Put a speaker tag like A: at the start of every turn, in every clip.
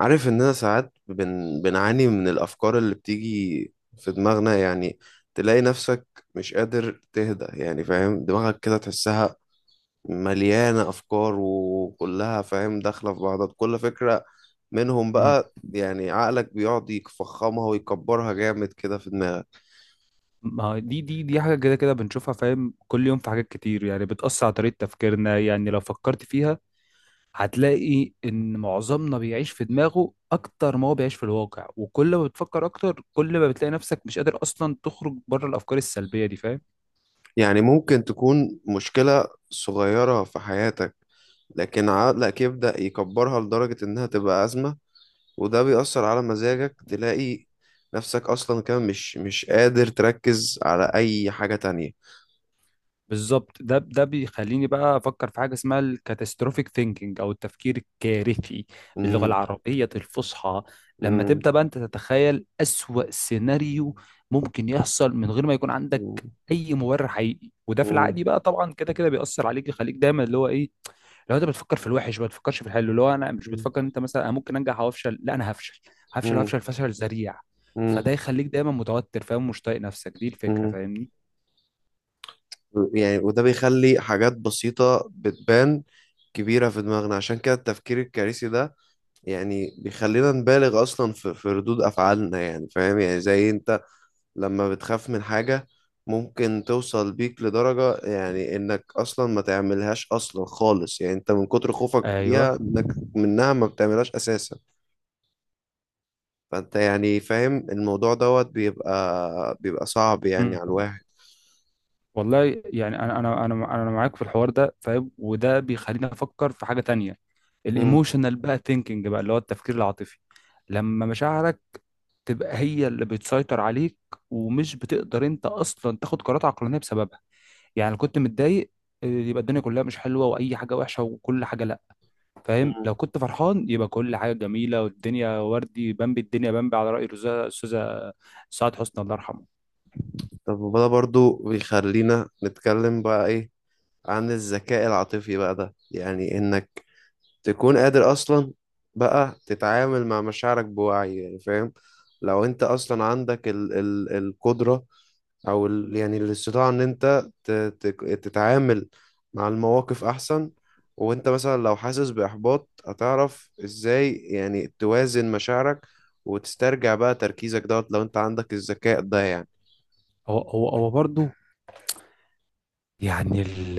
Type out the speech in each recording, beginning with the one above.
A: عارف اننا ساعات بنعاني من الافكار اللي بتيجي في دماغنا يعني تلاقي نفسك مش قادر تهدى يعني فاهم دماغك كده تحسها مليانة افكار وكلها فاهم داخلة في بعضها كل فكرة منهم
B: مم.
A: بقى يعني عقلك بيقعد يفخمها ويكبرها جامد كده في دماغك.
B: ما هو دي حاجة كده كده بنشوفها فاهم، كل يوم في حاجات كتير يعني بتأثر على طريقة تفكيرنا. يعني لو فكرت فيها هتلاقي إن معظمنا بيعيش في دماغه أكتر ما هو بيعيش في الواقع، وكل ما بتفكر أكتر كل ما بتلاقي نفسك مش قادر أصلا تخرج بره الأفكار السلبية دي، فاهم؟
A: يعني ممكن تكون مشكلة صغيرة في حياتك لكن عقلك يبدأ يكبرها لدرجة انها تبقى أزمة، وده بيأثر على مزاجك. تلاقي نفسك أصلا كمان مش قادر تركز على أي حاجة تانية.
B: بالظبط، ده بيخليني بقى افكر في حاجه اسمها الكاتاستروفيك ثينكينج او التفكير الكارثي باللغه
A: مم،
B: العربيه الفصحى. لما
A: مم،
B: تبدا بقى انت تتخيل اسوأ سيناريو ممكن يحصل من غير ما يكون عندك
A: مم،
B: اي مبرر حقيقي، وده في
A: مم،
B: العادي بقى طبعا كده كده بيأثر عليك، يخليك دايما اللي هو ايه، لو انت بتفكر في الوحش ما بتفكرش في الحلو. اللي هو انا مش بتفكر إن انت مثلا انا ممكن انجح او افشل، لا انا هفشل هفشل
A: مم،
B: هفشل فشل ذريع.
A: مم،
B: فده يخليك دايما متوتر، فاهم، مش طايق نفسك، دي الفكره
A: مم.
B: فاهمني؟
A: يعني وده بيخلي حاجات بسيطة بتبان كبيرة في دماغنا، عشان كده التفكير الكارثي ده يعني بيخلينا نبالغ أصلا في ردود أفعالنا يعني فاهم، يعني زي أنت لما بتخاف من حاجة ممكن توصل بيك لدرجة يعني انك اصلا ما تعملهاش اصلا خالص، يعني انت من كتر خوفك
B: ايوه.
A: ليها انك منها ما بتعملهاش اساسا. فانت يعني فاهم الموضوع دوت بيبقى صعب يعني
B: امم
A: على الواحد.
B: والله يعني انا معاك في الحوار ده فاهم، وده بيخليني افكر في حاجه تانية،
A: مم.
B: الايموشنال بقى ثينكينج بقى اللي هو التفكير العاطفي. لما مشاعرك تبقى هي اللي بتسيطر عليك ومش بتقدر انت اصلا تاخد قرارات عقلانيه بسببها. يعني لو كنت متضايق يبقى الدنيا كلها مش حلوه واي حاجه وحشه وكل حاجه لا. فاهم؟
A: مم.
B: لو كنت فرحان يبقى كل حاجه جميله والدنيا وردي بمبي، الدنيا بمبي على راي الاستاذه الأستاذة سعاد حسني الله يرحمه.
A: طب وده برضو بيخلينا نتكلم بقى ايه عن الذكاء العاطفي بقى، ده يعني انك تكون قادر اصلا بقى تتعامل مع مشاعرك بوعي يعني فاهم. لو انت اصلا عندك ال القدرة او ال يعني الاستطاعة ان انت تتعامل مع المواقف احسن، وانت مثلا لو حاسس باحباط هتعرف ازاي يعني توازن مشاعرك وتسترجع بقى تركيزك دوت لو انت عندك الذكاء ده يعني.
B: هو برضه يعني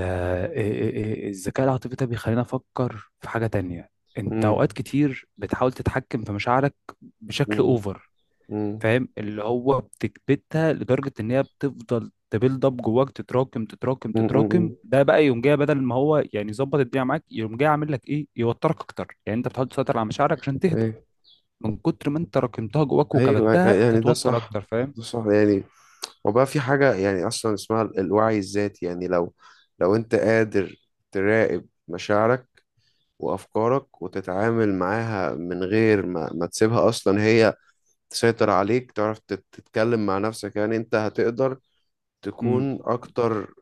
B: الذكاء العاطفي ده بيخلينا نفكر في حاجة تانية. انت
A: امم.
B: اوقات كتير بتحاول تتحكم في مشاعرك بشكل
A: امم.
B: اوفر،
A: امم.
B: فاهم، اللي هو بتكبتها لدرجة ان هي بتفضل تبيلد اب جواك، تتراكم،
A: امم.
B: ده بقى يوم جاي بدل ما هو يعني يظبط الدنيا معاك، يوم جاي عامل لك ايه، يوترك اكتر. يعني انت بتحاول تسيطر على مشاعرك عشان تهدى،
A: ايوه.
B: من كتر ما انت راكمتها جواك
A: ايوه،
B: وكبتها
A: يعني ده
B: تتوتر
A: صح،
B: اكتر، فاهم؟
A: ده صح يعني. وبقى في حاجة يعني أصلا اسمها الوعي الذاتي، يعني لو لو أنت قادر تراقب مشاعرك وأفكارك وتتعامل معاها من غير ما تسيبها أصلا هي تسيطر عليك، تعرف تتكلم مع نفسك، يعني أنت هتقدر
B: إمم.
A: تكون أكتر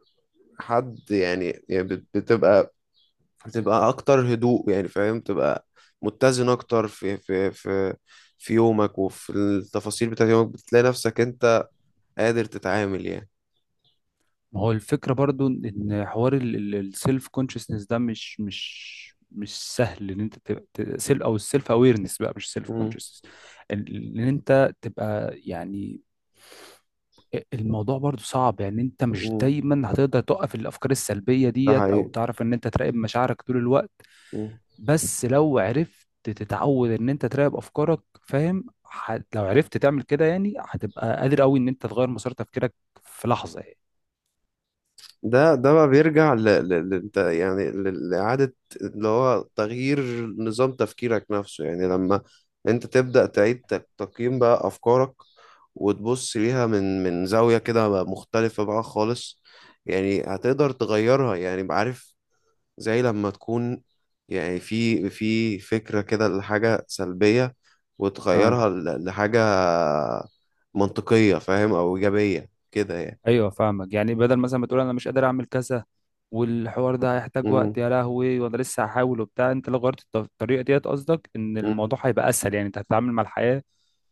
A: حد يعني، يعني بتبقى أكتر هدوء يعني فاهم، تبقى متزن أكتر في في يومك وفي التفاصيل بتاعت يومك، بتلاقي نفسك أنت قادر تتعامل يعني.
B: ما هو الفكرة برضو إن حوار السيلف كونشسنس ده مش سهل، إن أنت تبقى سيلف أو السيلف أويرنس بقى، مش سيلف كونشسنس. إن أنت تبقى يعني الموضوع برضو صعب، يعني أنت مش
A: مم.
B: دايما هتقدر توقف الأفكار السلبية
A: ده
B: ديت أو
A: حقيقي.
B: تعرف إن أنت تراقب مشاعرك طول الوقت.
A: مم.
B: بس لو عرفت تتعود إن أنت تراقب أفكارك فاهم، لو عرفت تعمل كده يعني هتبقى قادر أوي إن أنت تغير مسار تفكيرك في لحظة.
A: ده بقى بيرجع انت يعني لإعادة اللي هو تغيير نظام تفكيرك نفسه، يعني لما انت تبدأ تعيد تقييم بقى أفكارك وتبص ليها من زاوية كده بقى مختلفة بقى خالص، يعني هتقدر تغيرها يعني بقى عارف، زي لما تكون يعني في فكرة كده لحاجة سلبية
B: يعني
A: وتغيرها لحاجة منطقية فاهم أو إيجابية كده يعني.
B: ايوه فاهمك، يعني بدل مثلا ما تقول انا مش قادر اعمل كذا والحوار ده هيحتاج وقت يا لهوي وانا لسه هحاول وبتاع، انت لو غيرت الطريقه ديت قصدك ان
A: مم.
B: الموضوع هيبقى اسهل، يعني انت هتتعامل مع الحياه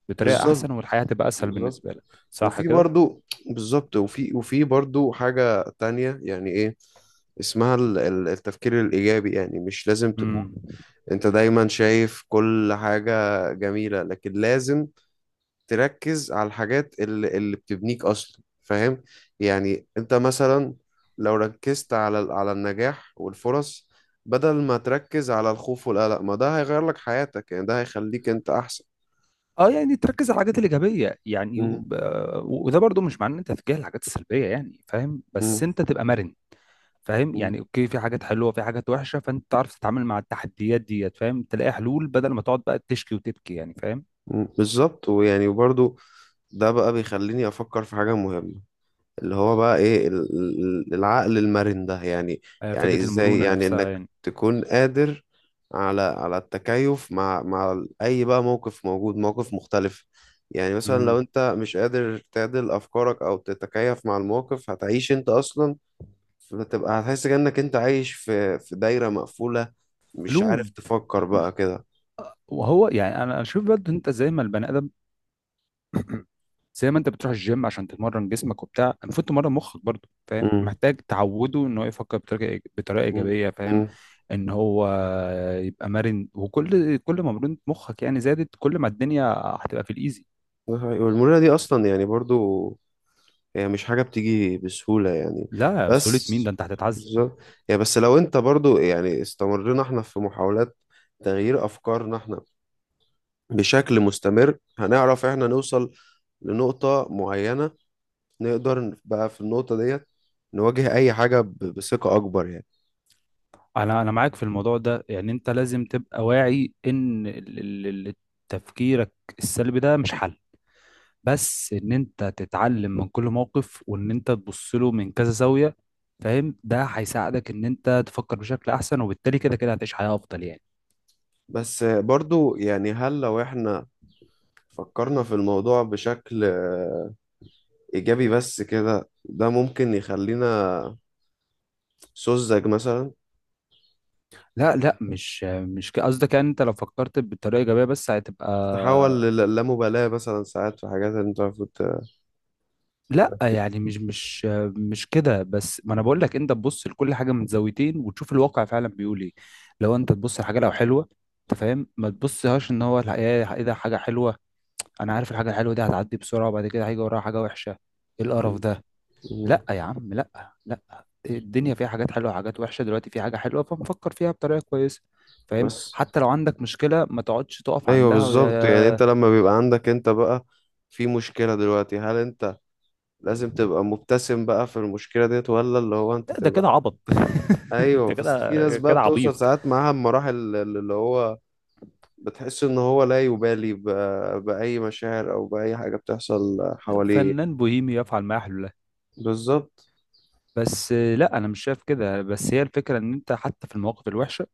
B: بطريقه احسن،
A: بالظبط.
B: والحياه هتبقى اسهل بالنسبه
A: بالظبط
B: لك، صح
A: وفي
B: كده؟
A: برضو، بالظبط وفي وفي برضو حاجة تانية يعني ايه اسمها التفكير الإيجابي، يعني مش لازم تكون
B: امم
A: انت دايما شايف كل حاجة جميلة، لكن لازم تركز على الحاجات اللي بتبنيك أصلا فاهم. يعني انت مثلا لو ركزت على على النجاح والفرص بدل ما تركز على الخوف والقلق، ما ده هيغير لك حياتك يعني، ده هيخليك انت أحسن.
B: اه يعني تركز على الحاجات الايجابيه يعني، وده برضو مش معناه ان انت تتجاهل الحاجات السلبيه يعني فاهم، بس
A: مم.
B: انت تبقى مرن. فاهم؟
A: مم.
B: يعني اوكي في حاجات حلوه في حاجات وحشه، فانت تعرف تتعامل مع التحديات ديت فاهم، تلاقي حلول بدل ما تقعد بقى تشكي وتبكي، يعني فاهم؟
A: مم، بالظبط، ويعني وبرضو ده بقى بيخليني افكر في حاجه مهمه اللي هو بقى ايه العقل المرن ده يعني.
B: آه،
A: يعني
B: فكرة
A: ازاي
B: المرونة
A: يعني
B: نفسها
A: انك
B: يعني.
A: تكون قادر على التكيف مع اي بقى موقف موجود، موقف مختلف. يعني مثلا لو
B: امم
A: انت مش قادر تعدل افكارك او تتكيف مع الموقف هتعيش انت اصلا، فتبقى هتحس كأنك انت عايش في دايره مقفوله، مش عارف
B: قلوب.
A: تفكر بقى كده.
B: وهو يعني انا اشوف برضه انت زي ما البني ادم زي ما انت بتروح الجيم عشان تتمرن جسمك وبتاع، المفروض تمرن مخك برضه فاهم، محتاج تعوده ان هو يفكر بطريقه ايجابيه فاهم،
A: امم.
B: ان هو يبقى مرن. وكل كل ما مرونة مخك يعني زادت كل ما الدنيا هتبقى في الايزي.
A: ده حقيقي. والمرونة دي أصلا يعني برضو هي مش حاجة بتيجي بسهولة يعني.
B: لا سهولة
A: بس
B: مين، ده انت هتتعذب.
A: بالظبط، يعني بس لو أنت برضو يعني استمرنا احنا في محاولات تغيير أفكارنا احنا بشكل مستمر، هنعرف احنا نوصل لنقطة معينة، نقدر بقى في النقطة ديت نواجه أي حاجة بثقة أكبر يعني.
B: انا معاك في الموضوع ده، يعني انت لازم تبقى واعي ان تفكيرك السلبي ده مش حل، بس ان انت تتعلم من كل موقف وان انت تبص له من كذا زاوية فاهم، ده هيساعدك ان انت تفكر بشكل احسن وبالتالي كده كده هتعيش حياة افضل يعني.
A: بس برضو يعني هل لو احنا فكرنا في الموضوع بشكل إيجابي بس كده، ده ممكن يخلينا سذج مثلا؟
B: لا لا مش مش ك- قصدك يعني انت لو فكرت بطريقة ايجابية بس هتبقى.
A: تتحول للامبالاة مثلا ساعات في حاجات اللي انت المفروض
B: لا
A: تركز
B: يعني
A: فيها.
B: مش كده، بس ما انا بقول لك انت تبص لكل حاجة من زاويتين وتشوف الواقع فعلا بيقول ايه. لو انت تبص لحاجة لو حلوة انت فاهم ما تبصهاش ان هو الحقيقة ايه، ده حاجة حلوة، انا عارف الحاجة الحلوة دي هتعدي بسرعة وبعد كده هيجي وراها حاجة وحشة، ايه القرف ده.
A: مم.
B: لا يا عم لا، لا الدنيا فيها حاجات حلوه وحاجات وحشه، دلوقتي في حاجه حلوه فنفكر فيها بطريقه كويسه فاهم،
A: بس
B: حتى لو عندك مشكله ما تقعدش تقف
A: ايوه
B: عندها
A: بالظبط، يعني انت
B: ويا.
A: لما بيبقى عندك انت بقى في مشكلة دلوقتي، هل انت لازم تبقى مبتسم بقى في المشكلة ديت، ولا اللي هو انت
B: إيه ده، كده
A: تبقى؟
B: عبط انت
A: ايوه، بس
B: كده
A: في ناس بقى
B: كده
A: بتوصل
B: عبيط.
A: ساعات معاها المراحل اللي هو بتحس ان هو لا يبالي بأي مشاعر او بأي حاجة بتحصل حواليه.
B: فنان بوهيمي يفعل ما يحلو له.
A: بالظبط.
B: بس لا انا مش شايف كده، بس هي الفكره ان انت حتى في المواقف الوحشه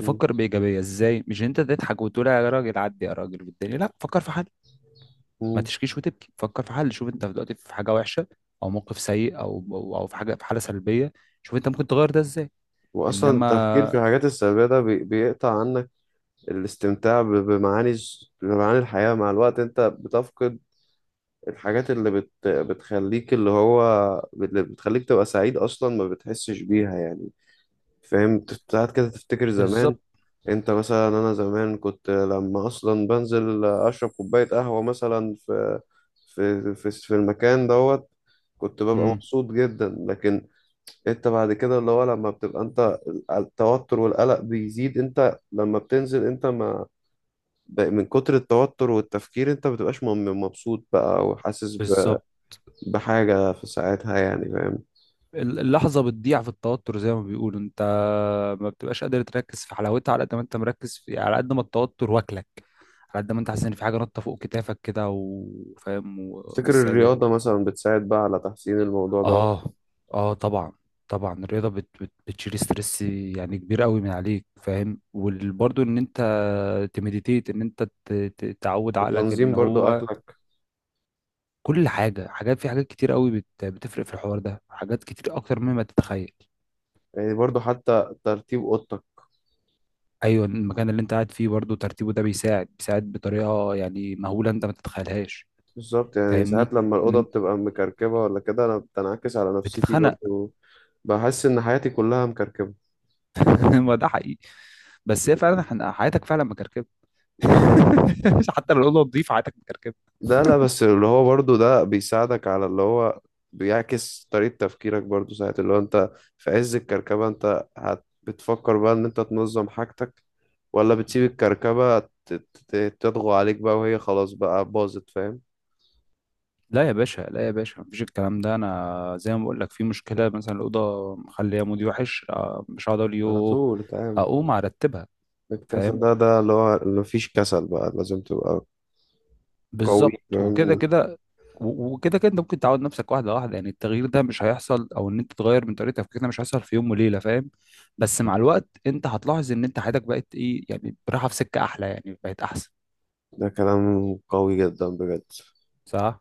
A: مم.
B: بايجابيه ازاي، مش إن انت تضحك وتقول يا راجل عدي يا راجل والدنيا، لا فكر في حل، ما
A: مم.
B: تشكيش وتبكي فكر في حل. شوف انت دلوقتي في حاجه وحشه او موقف سيء أو في حاجه في حاله سلبيه، شوف انت ممكن تغير ده ازاي.
A: واصلا التفكير في
B: انما
A: الحاجات السلبية ده بيقطع عنك الاستمتاع بمعاني الحياة، مع الوقت انت بتفقد الحاجات اللي بتخليك اللي هو اللي بتخليك تبقى سعيد، اصلا ما بتحسش بيها يعني فاهم. ساعات كده تفتكر زمان،
B: بالظبط.
A: انت مثلا انا زمان كنت لما اصلا بنزل اشرب كوباية قهوة مثلا في في المكان دوت، كنت ببقى
B: امم
A: مبسوط جدا. لكن انت بعد كده اللي هو لما بتبقى انت التوتر والقلق بيزيد، انت لما بتنزل انت ما ب- من كتر التوتر والتفكير انت بتبقاش مبسوط بقى، وحاسس
B: بالظبط.
A: بحاجة في ساعتها يعني فاهم.
B: اللحظه بتضيع في التوتر زي ما بيقولوا، انت ما بتبقاش قادر تركز في حلاوتها على قد ما انت مركز في، على قد ما التوتر واكلك، على قد ما انت حاسس ان في حاجه نطه فوق كتافك كده وفاهم ومش
A: تفتكر الرياضة
B: سايباك.
A: مثلا بتساعد بقى على تحسين الموضوع ده،
B: اه. اه طبعا، طبعا الرياضه بت بت بتشيل ستريس يعني كبير قوي من عليك فاهم، وبرضه ان انت تمديتيت ان انت تعود عقلك
A: وتنظيم
B: ان
A: برضو
B: هو
A: أكلك؟
B: كل حاجه، حاجات، في حاجات كتير قوي بتفرق في الحوار ده، حاجات كتير اكتر مما تتخيل.
A: يعني برضو حتى ترتيب أوضتك.
B: ايوه المكان اللي انت قاعد فيه برضه ترتيبه ده بيساعد بطريقه يعني مهوله انت ما تتخيلهاش.
A: بالظبط، يعني
B: فاهمني،
A: ساعات لما
B: ان
A: الأوضة
B: انت
A: بتبقى مكركبة ولا كده أنا بتنعكس على نفسيتي
B: بتتخنق.
A: برضو، بحس إن حياتي كلها مكركبة.
B: ما ده حقيقي، بس هي فعلا حياتك فعلا مكركبه.
A: بالظبط.
B: حتى لو الاوضه نظيفه حياتك مكركبه.
A: لا لا، بس اللي هو برضو ده بيساعدك على اللي هو بيعكس طريقة تفكيرك برضو. ساعة اللي هو انت في عز الكركبة، انت بتفكر بقى ان انت تنظم حاجتك، ولا بتسيب الكركبة تطغو عليك بقى وهي خلاص بقى باظت فاهم.
B: لا يا باشا لا يا باشا مفيش الكلام ده، انا زي ما بقول لك في مشكله مثلا الاوضه مخليه مودي وحش، آه، مش هقعد اقول
A: على
B: يوه،
A: طول اتعامل،
B: اقوم ارتبها
A: الكسل
B: فاهم.
A: ده اللي هو اللي مفيش كسل بقى، لازم تبقى قوي
B: بالظبط
A: فاهم؟
B: وكده كده، وكده كده انت ممكن تعود نفسك واحده واحده، يعني التغيير ده مش هيحصل او ان انت تغير من طريقه تفكيرك ده مش هيحصل في يوم وليله فاهم، بس مع الوقت انت هتلاحظ ان انت حياتك بقت ايه يعني، رايحه في سكه احلى يعني، بقت احسن.
A: ده كلام قوي جدا بجد.
B: صح.